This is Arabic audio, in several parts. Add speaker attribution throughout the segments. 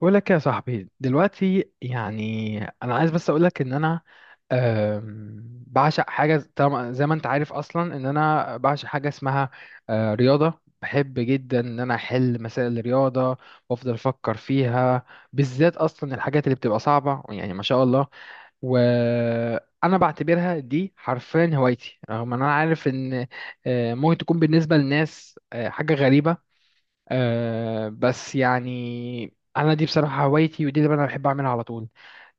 Speaker 1: بقول لك يا صاحبي دلوقتي، يعني انا عايز بس اقول لك ان انا بعشق حاجه، طبعا زي ما انت عارف اصلا ان انا بعشق حاجه اسمها رياضه. بحب جدا ان انا احل مسائل الرياضه وافضل افكر فيها، بالذات اصلا الحاجات اللي بتبقى صعبه، يعني ما شاء الله. وانا بعتبرها دي حرفيا هوايتي، رغم ان انا عارف ان ممكن تكون بالنسبه للناس حاجه غريبه. بس يعني انا دي بصراحه هوايتي، ودي اللي انا بحب اعملها على طول.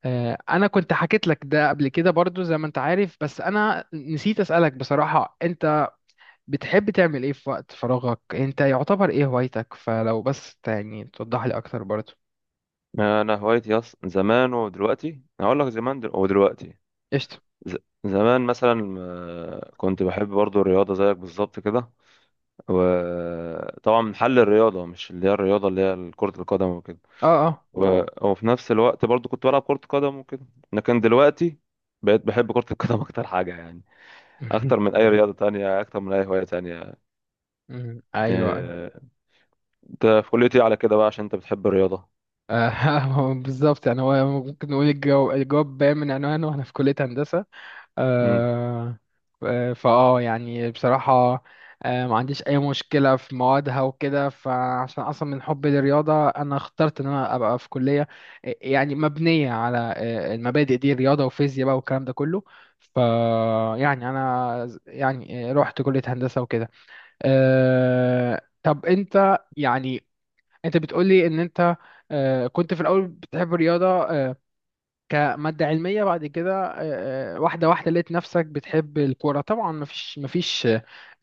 Speaker 1: انا كنت حكيت لك ده قبل كده برضو، زي ما انت عارف، بس انا نسيت اسالك. بصراحه انت بتحب تعمل ايه في وقت فراغك؟ انت يعتبر ايه هوايتك؟ فلو بس يعني توضح لي اكتر برضو.
Speaker 2: انا هوايتي زمان ودلوقتي. أنا هقول لك زمان ودلوقتي.
Speaker 1: قشطه.
Speaker 2: ز... زمان مثلا، كنت بحب برضو الرياضه زيك بالظبط كده، وطبعا من حل الرياضه مش اللي هي الرياضه اللي هي كره القدم وكده.
Speaker 1: اه، اه.
Speaker 2: و... اه وفي نفس الوقت برضو كنت بلعب كره قدم وكده. لكن دلوقتي بقيت بحب كره القدم اكتر حاجه يعني، اكتر من اي رياضه تانية، اكتر من اي هوايه تانية. ايوه،
Speaker 1: ايوه، ايوه.
Speaker 2: ايوه، آه، انت في كليتي على كده بقى عشان انت بتحب الرياضه.
Speaker 1: آه، هو بالظبط. يعني هو ممكن نقول، الجواب باين من عنوانه، واحنا في كليه هندسه.
Speaker 2: امم،
Speaker 1: آه، فاه يعني بصراحة، ما عنديش أي مشكلة في موادها وكده، فعشان أصلا من حبي للرياضة أنا اخترت إن أنا أبقى في كلية يعني مبنية على المبادئ دي، رياضة وفيزياء بقى والكلام ده كله. ف يعني أنا يعني رحت كلية هندسة وكده. طب أنت يعني، أنت بتقولي إن أنت كنت في الأول بتحب الرياضة كمادة علمية، بعد كده واحدة واحدة لقيت نفسك بتحب الكورة. طبعا مفيش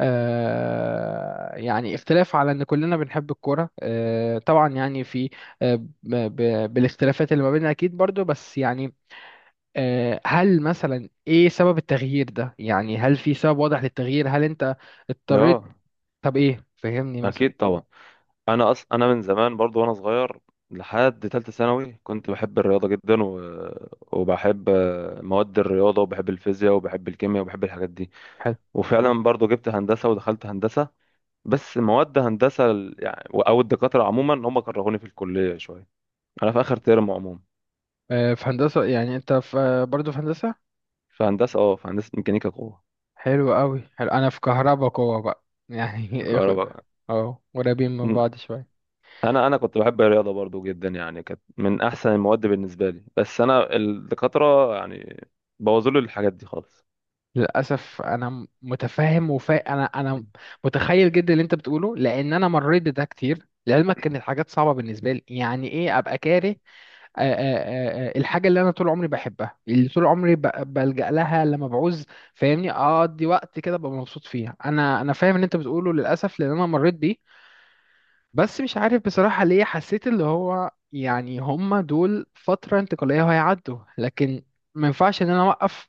Speaker 1: يعني اختلاف على ان كلنا بنحب الكورة، طبعا يعني في بالاختلافات اللي ما بيننا اكيد برضو، بس يعني هل مثلا ايه سبب التغيير ده؟ يعني هل في سبب واضح للتغيير؟ هل انت
Speaker 2: اه
Speaker 1: اضطريت؟ طب ايه، فهمني مثلا.
Speaker 2: اكيد طبعا. انا انا من زمان برضو وانا صغير لحد تالتة ثانوي كنت بحب الرياضة جدا، وبحب مواد الرياضة، وبحب الفيزياء، وبحب الكيمياء، وبحب الحاجات دي.
Speaker 1: حلو.
Speaker 2: وفعلا برضو جبت هندسة ودخلت هندسة، بس مواد هندسة يعني او الدكاترة عموما هم كرهوني في الكلية شوية. انا في اخر ترم عموما.
Speaker 1: في هندسة، يعني انت في برضو في هندسة؟
Speaker 2: في هندسة، اه في هندسة ميكانيكا قوة.
Speaker 1: حلو قوي، حلو، انا في كهربا قوة بقى
Speaker 2: في
Speaker 1: يعني.
Speaker 2: كهرباء.
Speaker 1: اه، قريبين من بعض شوية.
Speaker 2: انا كنت بحب الرياضة برضو جدا يعني، كانت من احسن المواد بالنسبة لي، بس انا الدكاترة يعني بوظوا لي الحاجات دي خالص.
Speaker 1: للأسف أنا متفهم، وفا أنا متخيل جدا اللي أنت بتقوله، لأن أنا مريت بده كتير لعلمك. كانت الحاجات صعبة بالنسبة لي، يعني إيه أبقى كاره الحاجة اللي أنا طول عمري بحبها، اللي طول عمري بلجأ لها لما بعوز، فاهمني، أقضي وقت كده ببقى مبسوط فيها. أنا فاهم اللي أنت بتقوله، للأسف، لأن أنا مريت بيه. بس مش عارف بصراحة ليه حسيت اللي هو يعني هما دول فترة انتقالية وهيعدوا، لكن ما ينفعش ان انا اوقف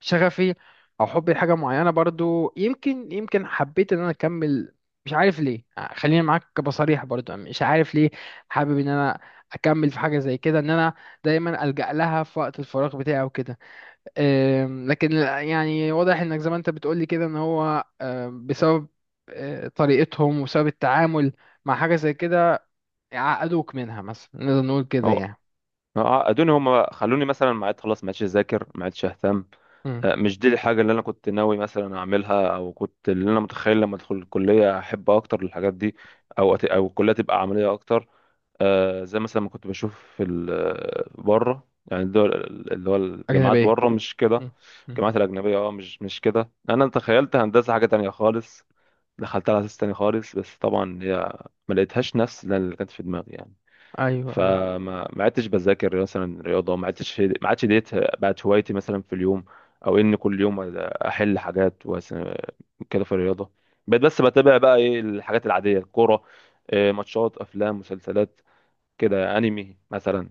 Speaker 1: شغفي او حبي لحاجة معينة برضو. يمكن حبيت ان انا اكمل، مش عارف ليه. خليني معاك بصريح، برضو مش عارف ليه حابب ان انا اكمل في حاجة زي كده، ان انا دايما ألجأ لها في وقت الفراغ بتاعي وكده. لكن يعني واضح انك زي ما انت بتقولي كده ان هو بسبب طريقتهم وسبب التعامل مع حاجة زي كده، يعقدوك منها مثلا، نقدر نقول كده
Speaker 2: هو
Speaker 1: يعني.
Speaker 2: هو عقدوني، هم خلوني مثلا ما عاد خلاص، ما عادش اذاكر، ما عادش اهتم.
Speaker 1: مم.
Speaker 2: مش دي الحاجه اللي انا كنت ناوي مثلا اعملها، او كنت اللي انا متخيل لما ادخل الكليه احب اكتر الحاجات دي، او او الكليه تبقى عمليه اكتر. زي مثلا ما كنت بشوف في بره يعني الدول، اللي هو الجامعات
Speaker 1: أجنبية.
Speaker 2: بره مش كده.
Speaker 1: مم. مم.
Speaker 2: الجامعات الاجنبيه اه، مش كده، انا تخيلت هندسه حاجه تانية خالص، دخلتها على اساس تاني خالص. بس طبعا هي ما لقيتهاش نفس اللي كانت في دماغي يعني.
Speaker 1: أيوه، أيوه.
Speaker 2: فما ما عدتش بذاكر مثلا رياضه، ما عدتش، ما عادش ديت بقت هوايتي مثلا في اليوم، او ان كل يوم احل حاجات كده في الرياضه. بقيت بس بتابع بقى ايه الحاجات العاديه، الكوره، ماتشات، افلام، مسلسلات كده، انمي مثلا.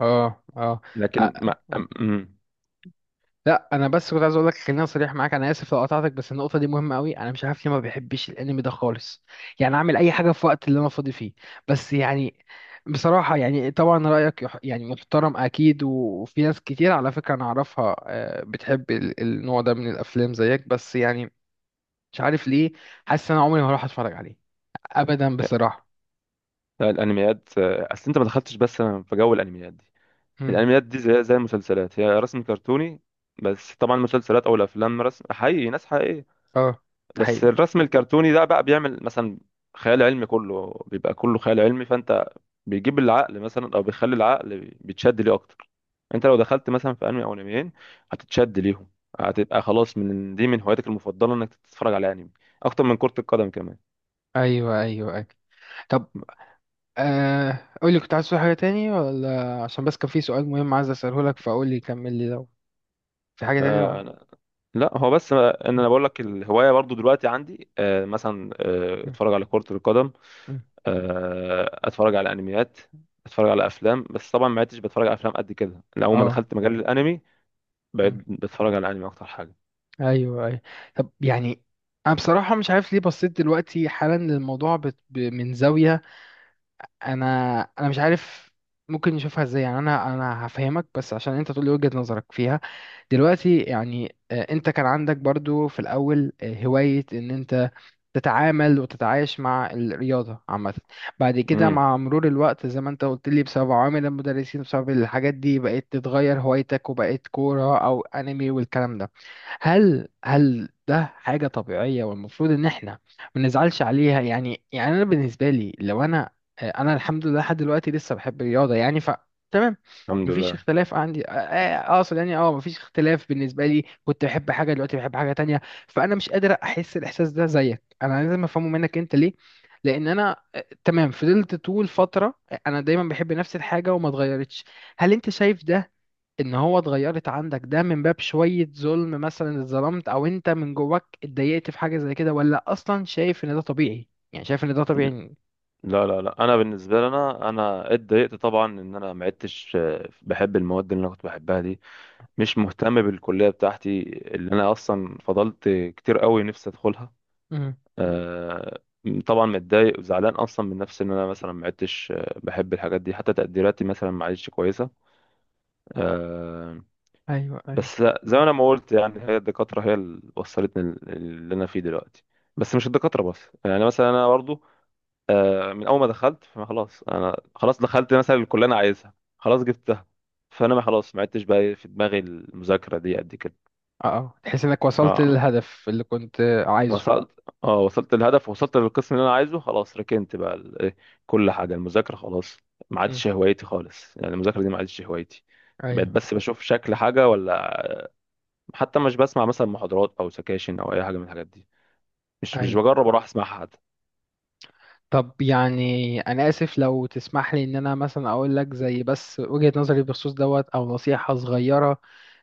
Speaker 1: أه، أه.
Speaker 2: لكن ما
Speaker 1: مم.
Speaker 2: أم- أمم،
Speaker 1: لا، أنا بس كنت عايز أقول لك، خليني صريح معاك، أنا آسف لو قطعتك، بس النقطة دي مهمة أوي. أنا مش عارف ليه ما بحبش الأنمي ده خالص، يعني أعمل أي حاجة في وقت اللي أنا فاضي فيه بس، يعني بصراحة، يعني طبعا رأيك يعني محترم أكيد، وفي ناس كتير على فكرة أنا أعرفها بتحب النوع ده من الأفلام زيك، بس يعني مش عارف ليه، حاسس إن أنا عمري ما هروح أتفرج عليه أبدا بصراحة.
Speaker 2: لا، الانميات اصل انت ما دخلتش بس في جو الانميات دي. الانميات دي زي المسلسلات، هي رسم كرتوني، بس طبعا المسلسلات او الافلام رسم حقيقي، ناس حقيقيه.
Speaker 1: اه، ده
Speaker 2: بس
Speaker 1: حقيقي.
Speaker 2: الرسم الكرتوني ده بقى بيعمل مثلا خيال علمي، كله بيبقى كله خيال علمي، فانت بيجيب العقل مثلا او بيخلي العقل بيتشد ليه اكتر. انت لو دخلت مثلا في انمي او انميين هتتشد ليهم، هتبقى خلاص من دي من هواياتك المفضله انك تتفرج على انمي اكتر من كره القدم كمان.
Speaker 1: ايوه، ايوه، ايوه. طب، قول لي، كنت عايز تقول حاجه تاني، ولا عشان بس كان في سؤال مهم عايز اساله لك، فقول لي، كمل لي لو في حاجه تانية ولا.
Speaker 2: فأنا لا، هو بس ان
Speaker 1: مم،
Speaker 2: انا بقول لك الهوايه برضو دلوقتي عندي، مثلا
Speaker 1: مم،
Speaker 2: اتفرج على كره القدم،
Speaker 1: مم.
Speaker 2: اتفرج على انميات، اتفرج على افلام. بس طبعا ما عدتش بتفرج على افلام قد كده، لأول ما
Speaker 1: اه.
Speaker 2: دخلت مجال الانمي بقيت
Speaker 1: مم.
Speaker 2: بتفرج على الانمي اكتر حاجه.
Speaker 1: ايوه، ايوه. طب يعني انا بصراحه مش عارف ليه بصيت دلوقتي حالا للموضوع من زاويه، انا مش عارف. ممكن نشوفها ازاي؟ يعني انا هفهمك بس عشان انت تقول لي وجهة نظرك فيها. دلوقتي يعني انت كان عندك برضو في الاول هواية ان انت تتعامل وتتعايش مع الرياضة عامة. بعد كده
Speaker 2: امم،
Speaker 1: مع مرور الوقت، زي ما انت قلت لي، بسبب عوامل المدرسين، بسبب الحاجات دي، بقيت تتغير هوايتك وبقيت كورة او انمي والكلام ده. هل ده حاجة طبيعية والمفروض ان احنا ما نزعلش عليها يعني انا بالنسبة لي لو انا انا الحمد لله لحد دلوقتي لسه بحب الرياضة يعني، ف تمام،
Speaker 2: الحمد
Speaker 1: مفيش
Speaker 2: لله.
Speaker 1: اختلاف عندي. اقصد يعني اه مفيش اختلاف بالنسبة لي، كنت بحب حاجة دلوقتي بحب حاجة تانية، فانا مش قادر احس الاحساس ده زيك، انا لازم افهمه منك انت ليه، لان انا تمام، فضلت طول فترة انا دايما بحب نفس الحاجة وما اتغيرتش. هل انت شايف ده ان هو اتغيرت عندك ده من باب شوية ظلم، مثلا اتظلمت او انت من جواك اتضايقت في حاجة زي كده، ولا اصلا شايف ان ده طبيعي؟ يعني شايف ان ده طبيعي؟
Speaker 2: لا لا لا، انا بالنسبه لي انا اتضايقت طبعا ان انا ما عدتش بحب المواد اللي انا كنت بحبها دي. مش مهتم بالكليه بتاعتي اللي انا اصلا فضلت كتير قوي نفسي ادخلها.
Speaker 1: امم،
Speaker 2: آه، طبعا متضايق وزعلان اصلا من نفسي ان انا مثلا ما عدتش بحب الحاجات دي، حتى تقديراتي مثلا ما عادتش كويسه. آه،
Speaker 1: ايوه، ايوه.
Speaker 2: بس زي ما انا ما قلت يعني، هي الدكاتره هي اللي وصلتني اللي انا فيه دلوقتي. بس مش الدكاتره بس يعني، مثلا انا برضو من اول ما دخلت فما خلاص، انا خلاص دخلت مثلا الكليه اللي انا عايزها، خلاص جبتها، فانا ما خلاص ما عدتش بقى إيه في دماغي المذاكره دي قد كده.
Speaker 1: اه، اه، تحس انك وصلت
Speaker 2: اه
Speaker 1: للهدف اللي كنت عايزه.
Speaker 2: وصلت، اه وصلت للهدف، وصلت للقسم اللي انا عايزه خلاص، ركنت بقى ال- إيه، كل حاجه، المذاكره خلاص ما
Speaker 1: امم،
Speaker 2: عادش هوايتي خالص، يعني المذاكره دي ما عادش هوايتي. بقيت
Speaker 1: ايوه،
Speaker 2: بس بشوف شكل حاجه ولا، حتى مش بسمع مثلا محاضرات او سكاشن او اي حاجه من الحاجات دي، مش
Speaker 1: ايوه.
Speaker 2: بجرب اروح اسمعها حتى.
Speaker 1: طب يعني انا اسف لو تسمح لي ان انا مثلا اقول لك زي بس وجهة نظري بخصوص دوت، او نصيحة صغيرة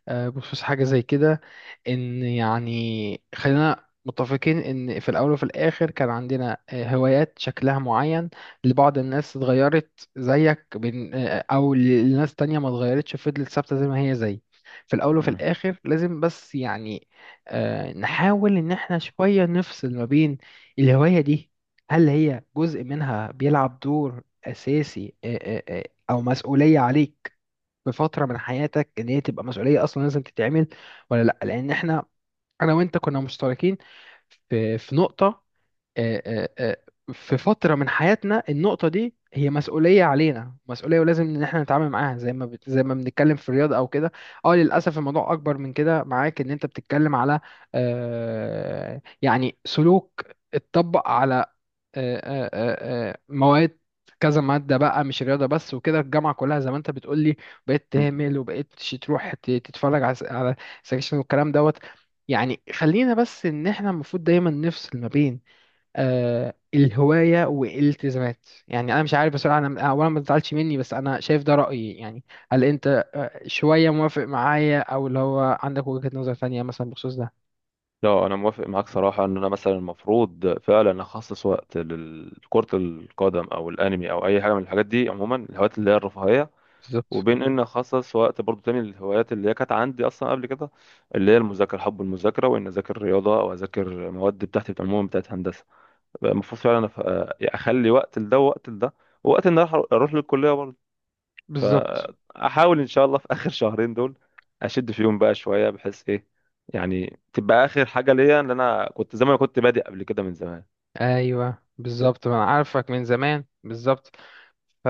Speaker 1: بخصوص حاجة زي كده، إن يعني خلينا متفقين إن في الأول وفي الآخر كان عندنا هوايات شكلها معين، لبعض الناس اتغيرت زيك من أو لناس تانية ما اتغيرتش، فضلت ثابتة زي ما هي زي في الأول وفي
Speaker 2: مم.
Speaker 1: الآخر. لازم بس يعني نحاول إن احنا شوية نفصل ما بين الهواية دي، هل هي جزء منها بيلعب دور أساسي أو مسؤولية عليك بفتره من حياتك، ان هي تبقى مسؤوليه اصلا لازم تتعمل ولا لا. لان احنا انا وانت كنا مشتركين في نقطه، في فتره من حياتنا، النقطه دي هي مسؤوليه علينا، مسؤوليه ولازم ان احنا نتعامل معاها زي ما زي ما بنتكلم في الرياضه او كده. اه، للاسف الموضوع اكبر من كده معاك، ان انت بتتكلم على يعني سلوك اتطبق على مواد، كذا مادة بقى مش رياضة بس وكده، الجامعة كلها زي ما انت بتقولي بقيت
Speaker 2: مم.
Speaker 1: تهمل، وبقيت تروح تتفرج على على سكشن والكلام دوت. يعني خلينا بس ان احنا المفروض دايما نفصل ما بين الهواية والالتزامات، يعني انا مش عارف بصراحة، انا اولا ما تزعلش مني بس انا شايف ده رأيي يعني. هل انت شوية موافق معايا او اللي هو عندك وجهة نظر تانية مثلا بخصوص ده؟
Speaker 2: لا، انا موافق معاك صراحه ان انا مثلا المفروض فعلا اخصص وقت لكره القدم او الانمي او اي حاجه من الحاجات دي عموما، الهوايات اللي هي الرفاهيه،
Speaker 1: بالظبط،
Speaker 2: وبين ان اخصص وقت برضو تاني للهوايات اللي هي كانت عندي اصلا قبل كده، اللي هي المذاكره، حب المذاكره، وان اذاكر رياضه او اذاكر مواد بتاعتي عموما بتاعت هندسه. المفروض فعلا اخلي وقت لده ووقت لده، ووقت ان أنا اروح للكليه برضو.
Speaker 1: بالظبط،
Speaker 2: فاحاول ان شاء الله في اخر 2 شهرين دول اشد فيهم بقى شويه، بحيث ايه يعني، تبقى اخر حاجه ليا ان انا كنت زي ما انا كنت بادئ قبل كده من زمان
Speaker 1: ايوه، بالظبط، ما انا عارفك من زمان، بالظبط. ف